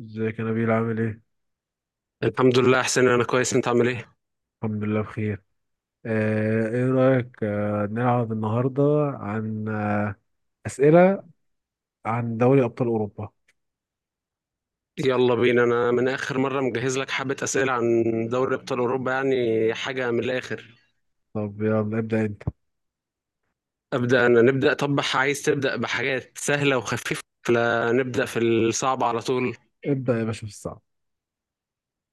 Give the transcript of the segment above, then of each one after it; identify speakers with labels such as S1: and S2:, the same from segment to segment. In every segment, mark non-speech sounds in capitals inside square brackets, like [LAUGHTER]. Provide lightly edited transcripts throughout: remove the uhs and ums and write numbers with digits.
S1: ازيك يا نبيل، عامل ايه؟
S2: الحمد لله احسن. انا كويس، انت عامل ايه؟
S1: الحمد لله بخير. ايه رأيك، نلعب النهاردة عن أسئلة عن دوري أبطال أوروبا؟
S2: يلا بينا، انا من اخر مره مجهز لك حبه اسئله عن دوري ابطال اوروبا، يعني حاجه من الاخر.
S1: طب يلا ابدأ انت.
S2: ابدا نبدا. طب عايز تبدا بحاجات سهله وخفيفه ولا نبدا في الصعب على طول؟
S1: ابدأ يا باشا في الصعب.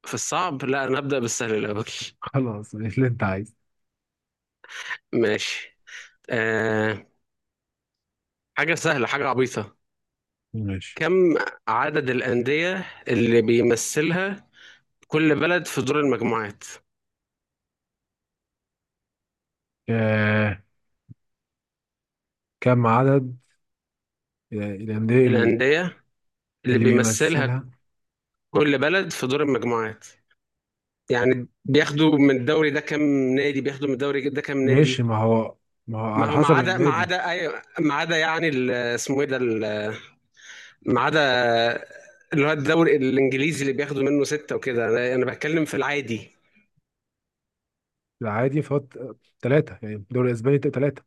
S2: في الصعب؟ لا، انا هبدا بالسهل الاول.
S1: [LAUGHS] خلاص، اللي انت عايزه.
S2: ماشي. آه. حاجه سهله، حاجه عبيطه.
S1: ماشي.
S2: كم عدد الانديه اللي بيمثلها كل بلد في دور المجموعات؟
S1: آه كم عدد الأندية اللي بي...
S2: الانديه اللي
S1: اللي
S2: بيمثلها
S1: بيمثلها.
S2: كل بلد في دور المجموعات، يعني بياخدوا من الدوري ده كام نادي، بياخدوا من الدوري ده كام
S1: ماشي،
S2: نادي؟
S1: ما هو
S2: ما
S1: على
S2: هو، ما
S1: حسب
S2: عدا ما
S1: النادي.
S2: عدا أي- ما عدا يعني ال- اسمه ايه ده؟ ما عدا اللي هو الدوري الانجليزي اللي بياخدوا منه ستة وكده، انا بتكلم في العادي.
S1: العادي فهو تلاتة، يعني الدوري الأسباني تلاتة.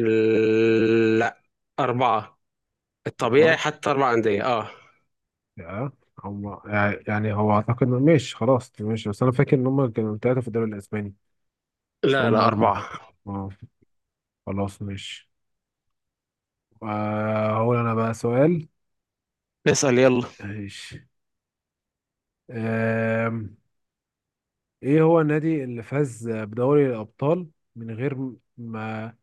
S2: لا، أربعة. الطبيعي
S1: أربعة،
S2: حتى أربع أندية. اه.
S1: يا هم. يعني هو اعتقد ماشي خلاص ماشي، بس انا فاكر ان هم كانوا ثلاثه في الدوري الاسباني.
S2: لا
S1: ثم
S2: لا،
S1: مره
S2: أربعة.
S1: اه خلاص ماشي. هقول انا بقى سؤال.
S2: اسأل يلا.
S1: ماشي. آم، ايه هو النادي اللي فاز بدوري الابطال من غير ما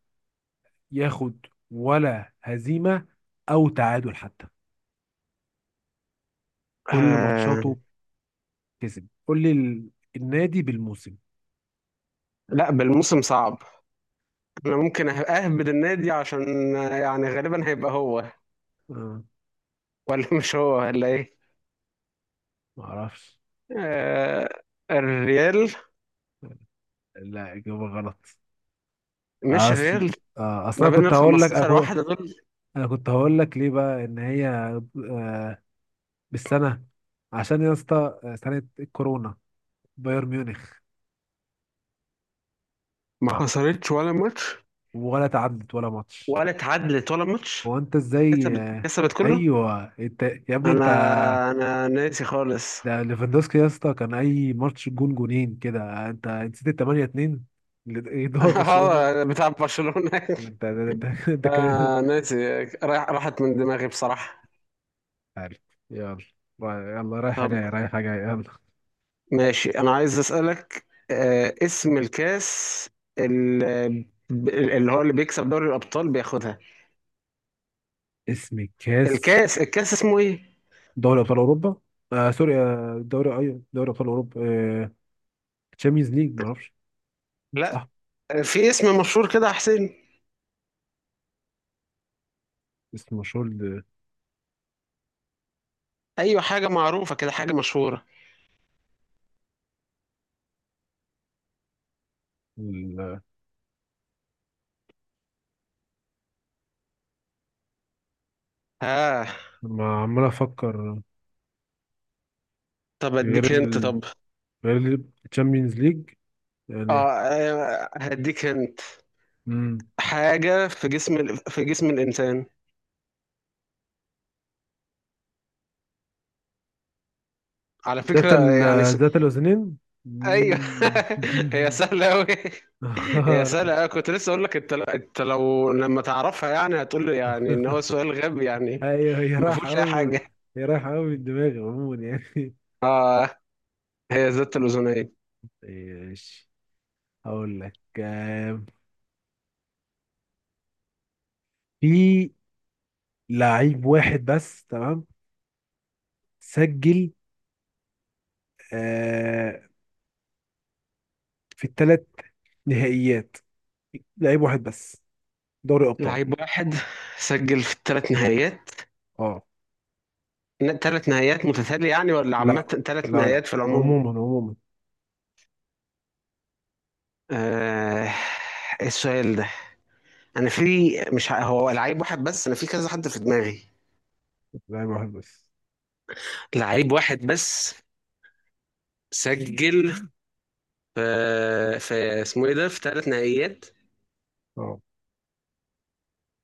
S1: ياخد ولا هزيمه او تعادل حتى، كل
S2: آه.
S1: ماتشاته كسب؟ قول لي النادي بالموسم.
S2: لا، بالموسم صعب. انا ممكن اهبد النادي عشان، يعني غالبا هيبقى هو
S1: آه،
S2: ولا مش هو ولا ايه؟
S1: ما اعرفش.
S2: آه، الريال.
S1: لا، اجابه غلط.
S2: مش
S1: اصل
S2: الريال؟
S1: اصل
S2: ما
S1: انا
S2: بين
S1: كنت
S2: ال
S1: هقول لك، انا
S2: 15
S1: كنت...
S2: واحدة دول.
S1: أنا كنت هقول لك ليه بقى ان هي بالسنه، عشان يا اسطى سنه الكورونا. بايرن ميونخ.
S2: ما خسرتش ولا ماتش،
S1: ولا تعدت ولا ماتش.
S2: ولا اتعادلت ولا ماتش.
S1: هو انت ازاي؟
S2: كسبت كسبت كله.
S1: ايوه انت، يا ابني انت.
S2: انا ناسي خالص.
S1: ده ليفاندوسكي يا اسطى، كان اي ماتش جون جونين كده، انت نسيت ال 8-2 اللي
S2: [LAUGHS]
S1: يدور برشلونه.
S2: اه، بتاع برشلونة. [LAUGHS]
S1: انت ده كان
S2: ناسي. راحت من دماغي بصراحة.
S1: عارف. يلا، يلا رايحه جايه رايحه جايه يلا.
S2: ماشي. انا عايز اسألك، اسم الكاس ال- اللي هو اللي بيكسب دوري الابطال بياخدها،
S1: اسم الكاس؟
S2: الكاس الكاس اسمه ايه؟
S1: دوري ابطال اوروبا. آه سوري آه دوري، ايوه، ابطال اوروبا. آه تشامبيونز ليج، ما اعرفش.
S2: لا.
S1: صح؟
S2: في اسم مشهور كده يا حسين.
S1: اسم مشهور،
S2: ايوه، حاجه معروفه كده، حاجه مشهوره.
S1: ل-
S2: اه.
S1: لما عمال افكر.
S2: طب
S1: غير
S2: اديك هنت.
S1: ال
S2: طب.
S1: غير التشامبيونز ليج
S2: اه.
S1: يعني.
S2: هديك هنت.
S1: مم.
S2: حاجه في جسم الانسان، على
S1: ذات
S2: فكره.
S1: ال
S2: يعني
S1: ذات الاذنين.
S2: ايوه.
S1: مم.
S2: [LAUGHS] هي سهله قوي.
S1: [LAUGHS]
S2: هي
S1: آه،
S2: سهله أوي. كنت لسه اقول لك، انت لو لما تعرفها يعني هتقول لي يعني ان هو
S1: [LAUGHS]
S2: سؤال غبي يعني،
S1: ايوه، هي
S2: ما
S1: رايحه
S2: فيهوش اي
S1: قوي.
S2: حاجه.
S1: هي رايحه قوي من دماغي عموما يعني.
S2: هي ذات الاذنين.
S1: [LAUGHS] ماشي. هقول لك، في لعيب واحد بس، تمام؟ سجل آه في الثلاث نهائيات، لعيب واحد بس، دوري ابطال.
S2: لعيب واحد سجل في الثلاث نهائيات.
S1: اه.
S2: ثلاث نهائيات متتاليه يعني ولا عامه،
S1: لا
S2: ثلاث
S1: لا لا،
S2: نهائيات في العموم؟
S1: عموما عموما.
S2: آه. السؤال ده، انا في مش ه- هو لعيب واحد بس، انا في كذا حد في دماغي.
S1: لعيب واحد بس.
S2: لعيب واحد بس سجل في اسمه ايه ده، في ثلاث نهائيات.
S1: اه.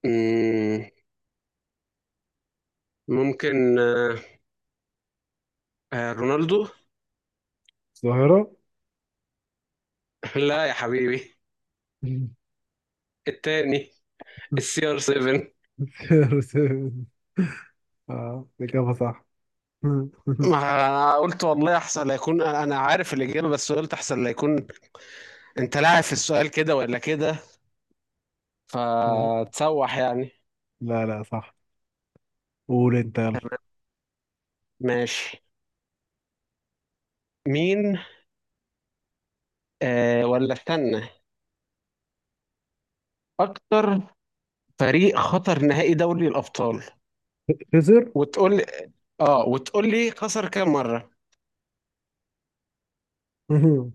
S2: مم، ممكن آه. رونالدو.
S1: الظاهرة.
S2: [LAUGHS] لا يا حبيبي، التاني، السي ار 7.
S1: [LAUGHS] اه، الإجابة صح. [LAUGHS]
S2: ما قلت والله احسن لا يكون انا عارف الاجابه، بس قلت احسن لا يكون انت لاعب في السؤال كده ولا كده،
S1: لا،
S2: فتسوح يعني.
S1: لا لا، صح. قول انت يلا.
S2: ماشي. مين، ولا استنى، اكتر فريق خطر نهائي دوري الابطال،
S1: خسر.
S2: وتقول لي، اه وتقول لي خسر كام مره.
S1: [LAUGHS]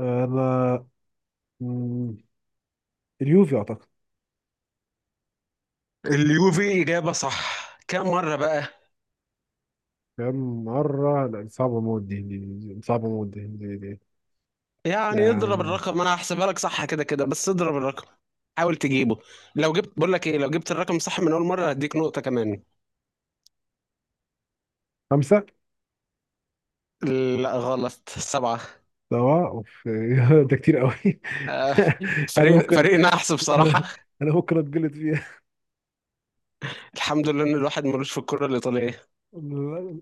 S1: انا، مم، اليوفي اعتقد.
S2: اليوفي اجابه صح، كام مره بقى؟
S1: كم مرة؟ لا، دي صعبة موت، دي دي. دي صعبة موت، دي، دي، دي.
S2: يعني اضرب
S1: يعني،
S2: الرقم، انا هحسبها لك. صح كده كده، بس اضرب الرقم. حاول تجيبه. لو جبت بقول لك ايه، لو جبت الرقم صح من اول مره هديك نقطه كمان.
S1: خمسة.
S2: لا غلط، سبعه.
S1: سواء اوف، [LAUGHS] ده كتير قوي.
S2: آه،
S1: [LAUGHS] انا
S2: فريق
S1: ممكن،
S2: نحس بصراحه.
S1: انا أنا ممكن اتجلد فيها.
S2: الحمد لله ان الواحد ملوش في الكره الايطاليه.
S1: [LAUGHS]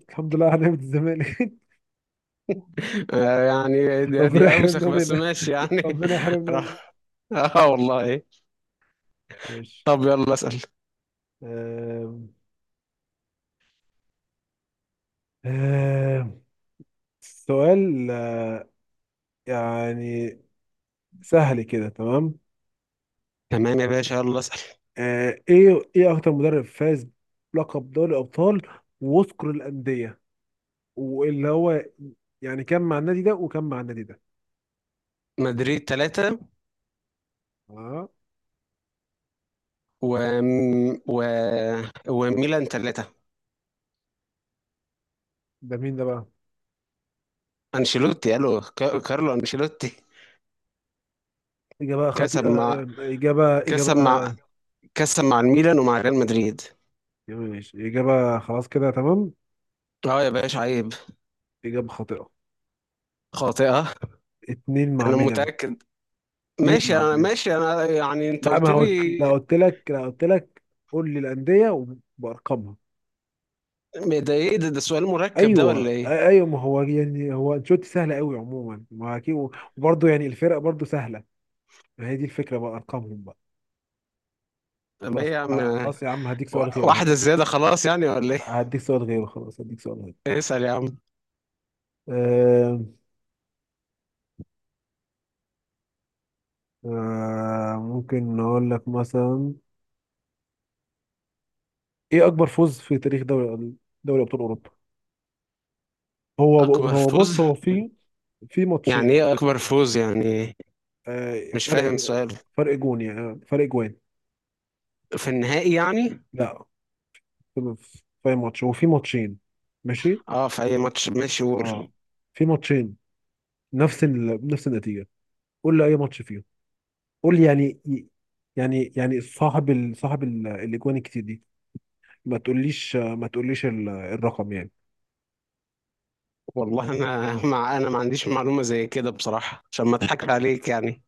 S1: الحمد لله على نعمة الزمالك. [LAUGHS]
S2: يعني
S1: ربنا
S2: دي
S1: يحرمنا
S2: اوسخ، بس
S1: منها،
S2: ماشي يعني.
S1: ربنا
S2: [LAUGHS]
S1: يحرمنا منها.
S2: راح. اه والله.
S1: ماشي.
S2: طب يلا اسال.
S1: آم، آم، سؤال، يعني، سهل كده، تمام؟
S2: تمام يا باشا، يلا اسال.
S1: ايه اكتر مدرب فاز بلقب دوري ابطال، وذكر الانديه، واللي هو يعني كان مع النادي ده وكان مع النادي ده.
S2: مدريد ثلاثة،
S1: اه،
S2: و... و... وميلان ثلاثة.
S1: ده مين ده بقى؟
S2: انشيلوتي. كارلو انشيلوتي.
S1: اجابه
S2: كسب
S1: خطيئه.
S2: مع
S1: اجابه.
S2: كسب مع كسب مع الميلان ومع ريال مدريد.
S1: ماشي، إجابة، خلاص كده تمام.
S2: اه يا باشا عيب.
S1: إجابة خاطئة.
S2: خاطئة؟
S1: اتنين مع
S2: انا
S1: ميلان،
S2: متأكد.
S1: اتنين
S2: ماشي
S1: مع
S2: انا،
S1: ميلان.
S2: ماشي انا، يعني انت
S1: لا،
S2: قلت
S1: ما قلت،
S2: لي.
S1: لا قلت لك، قول لي الأندية وبأرقامها.
S2: ده ايه ده، سؤال مركب ده ولا
S1: أيوه،
S2: ايه؟
S1: أيوه، ما هو يعني، هو أنشيلوتي سهل قوي عموما، ما أكيد. وبرضه يعني الفرق برضه سهلة. ما هي دي الفكرة بقى، أرقامهم بقى.
S2: طب ايه
S1: خلاص،
S2: يا عم؟
S1: خلاص يا عم، هديك سؤال غيره،
S2: واحدة زيادة خلاص يعني ولا ايه؟
S1: هديك سؤال غيره، خلاص، هديك سؤال غيره.
S2: [LAUGHS] اسأل يا عم.
S1: آه ممكن نقول لك مثلا، إيه أكبر فوز في تاريخ دوري، دوري أبطال أوروبا؟ هو
S2: أكبر
S1: هو بص،
S2: فوز؟
S1: هو في
S2: يعني
S1: ماتشين.
S2: ايه أكبر فوز يعني؟
S1: آه،
S2: مش
S1: فرق
S2: فاهم سؤال.
S1: فرق جون، يعني فرق جوان.
S2: في النهائي يعني؟
S1: لا، في ماتش، هو في ماتشين. ماشي.
S2: اه في أي ماتش، ماشي
S1: اه،
S2: قول.
S1: في ماتشين نفس نفس النتيجة. قول لي اي ماتش فيهم، قول لي يعني، يعني صاحب الاجوان الكتير دي. ما تقوليش الرقم يعني.
S2: والله أنا [LAUGHS] مع أنا ما عنديش معلومة زي كده بصراحة، عشان ما أضحكش عليك يعني.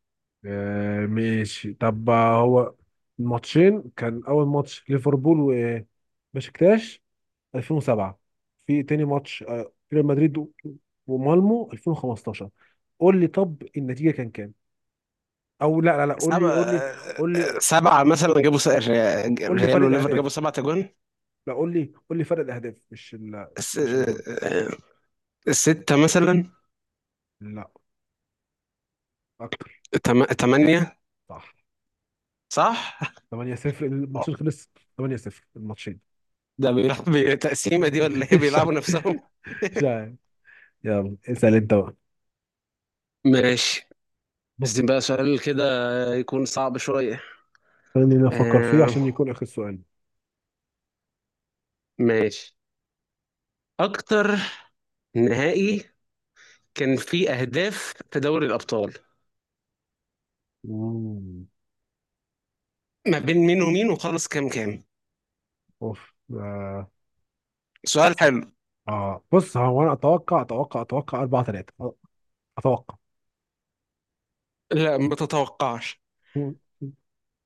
S1: ماشي، طب، هو الماتشين كان اول ماتش، ليفربول و بشكتاش 2007. في تاني ماتش، ريال مدريد ومالمو 2015. قول لي طب النتيجة كان كام؟ او لا لا لا، قول لي،
S2: سبعة.
S1: قول لي
S2: سبعة مثلا جابوا،
S1: قول لي
S2: ريال
S1: فرق
S2: وليفر
S1: الاهداف.
S2: جابوا سبعة أجوان.
S1: لا، قول لي فرق الاهداف، مش
S2: س-
S1: مش الجول.
S2: ستة مثلا.
S1: لا. اكتر.
S2: تمانية.
S1: صح.
S2: صح؟ [LAUGHS]
S1: 8-0 الماتشين، خلص. 8-0 الماتشين.
S2: ده بيلعب تقسيمة دي ولا
S1: [LAUGHS]
S2: ايه،
S1: مش
S2: بيلعبوا
S1: عارف،
S2: نفسهم؟
S1: مش عارف. يلا اسال انت بقى.
S2: [LAUGHS] ماشي. بس بقى سؤال كده يكون صعب شوية.
S1: خليني أنا افكر فيه
S2: آه.
S1: عشان يكون اخر سؤال.
S2: ماشي. أكتر نهائي كان فيه أهداف في دوري الأبطال،
S1: مم.
S2: ما بين مين ومين، وخلص كام كام؟
S1: اوف
S2: سؤال حلو.
S1: اه، بص هو، انا اتوقع 4-3. اتوقع
S2: لا ما تتوقعش.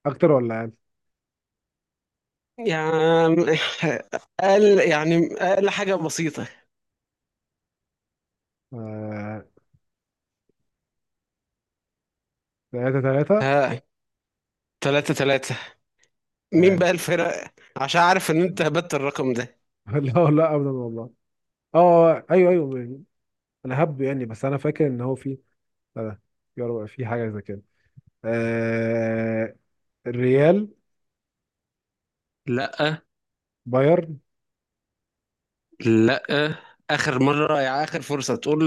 S1: اكتر ولا اقل؟
S2: يعني أقل، يعني أقل حاجة بسيطة.
S1: آه... 3-3.
S2: ها. تلاتة تلاتة. مين
S1: اقل.
S2: بقى الفرق؟ عشان عارف إن أنت هبت الرقم ده.
S1: [LAUGHS] لا لا ابدا والله. اه، ايوه ايوه. انا هبدو يعني، بس انا فاكر ان هو في. لا. يا رب في حاجه زي كده. آه... الريال.
S2: لأ.
S1: بايرن.
S2: لأ، آخر مرة، يا آخر فرصة تقول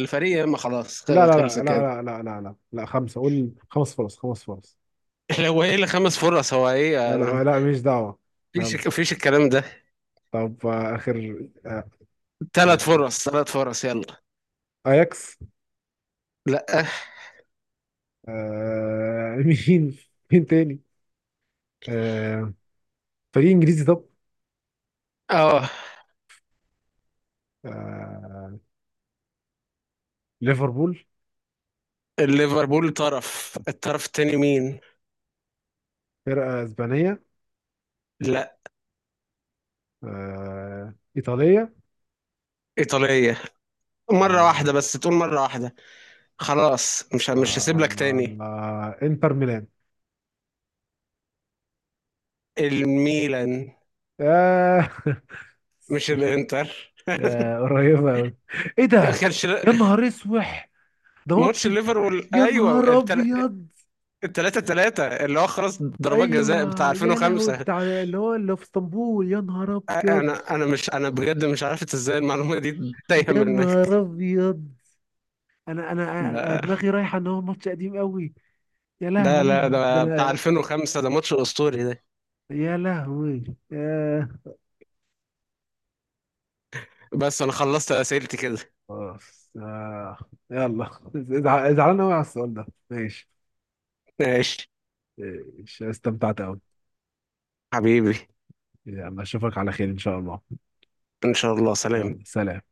S2: الفريق، ما خلاص.
S1: لا لا
S2: خلص
S1: لا لا
S2: كده.
S1: لا لا لا لا لا، خمسه قول، خمس فرص، خمس فرص.
S2: هو ايه اللي خمس فرص، هو ايه
S1: لا لا لا، ماليش دعوه. يلا.
S2: مفيش الكلام ده.
S1: طب، اخر، آه، آه،
S2: ثلاث فرص، ثلاث فرص يلا.
S1: اياكس.
S2: لا.
S1: آه... [LAUGHS] مين، مين تاني؟ آه، فريق انجليزي طب.
S2: اه.
S1: آه، ليفربول.
S2: الليفربول. طرف الطرف التاني مين؟
S1: فرقه اسبانيه.
S2: لا.
S1: ايطاليه.
S2: ايطالية. مرة
S1: آه،
S2: واحدة بس تقول، مرة واحدة. خلاص مش هسيب
S1: آه،
S2: لك تاني.
S1: انتر ميلان.
S2: الميلان.
S1: آه، [LAUGHS]
S2: مش الانتر.
S1: قريبه قوي. ايه ده؟
S2: كانش
S1: يا نهار اسوح، ده ماتش!
S2: ماتش الليفربول،
S1: يا
S2: ايوه
S1: نهار ابيض!
S2: التلاتة تلاتة اللي هو خلاص، ضربات جزاء بتاع
S1: ايوه، يا لهوي،
S2: 2005.
S1: بتاع اللي هو اللي في اسطنبول، يا نهار ابيض،
S2: انا بجد مش عارف ازاي المعلومة دي تايهة
S1: يا نهار
S2: منك.
S1: ابيض. انا انا أنا
S2: ده.
S1: دماغي رايحه ان هو ماتش قديم قوي. يا
S2: ده لا
S1: لهوي
S2: ده بتاع
S1: ده.
S2: 2005، ده ماتش اسطوري ده.
S1: يا لهوي. يا
S2: بس انا خلصت اسئلتي كده.
S1: خلاص. يلا، [LAUGHS] زعلان قوي على السؤال ده، ماشي.
S2: ماشي
S1: إيش، استمتعت قوي.
S2: حبيبي.
S1: يلا، اشوفك على خير ان شاء الله.
S2: ان شاء الله. سلام.
S1: يلا، سلام.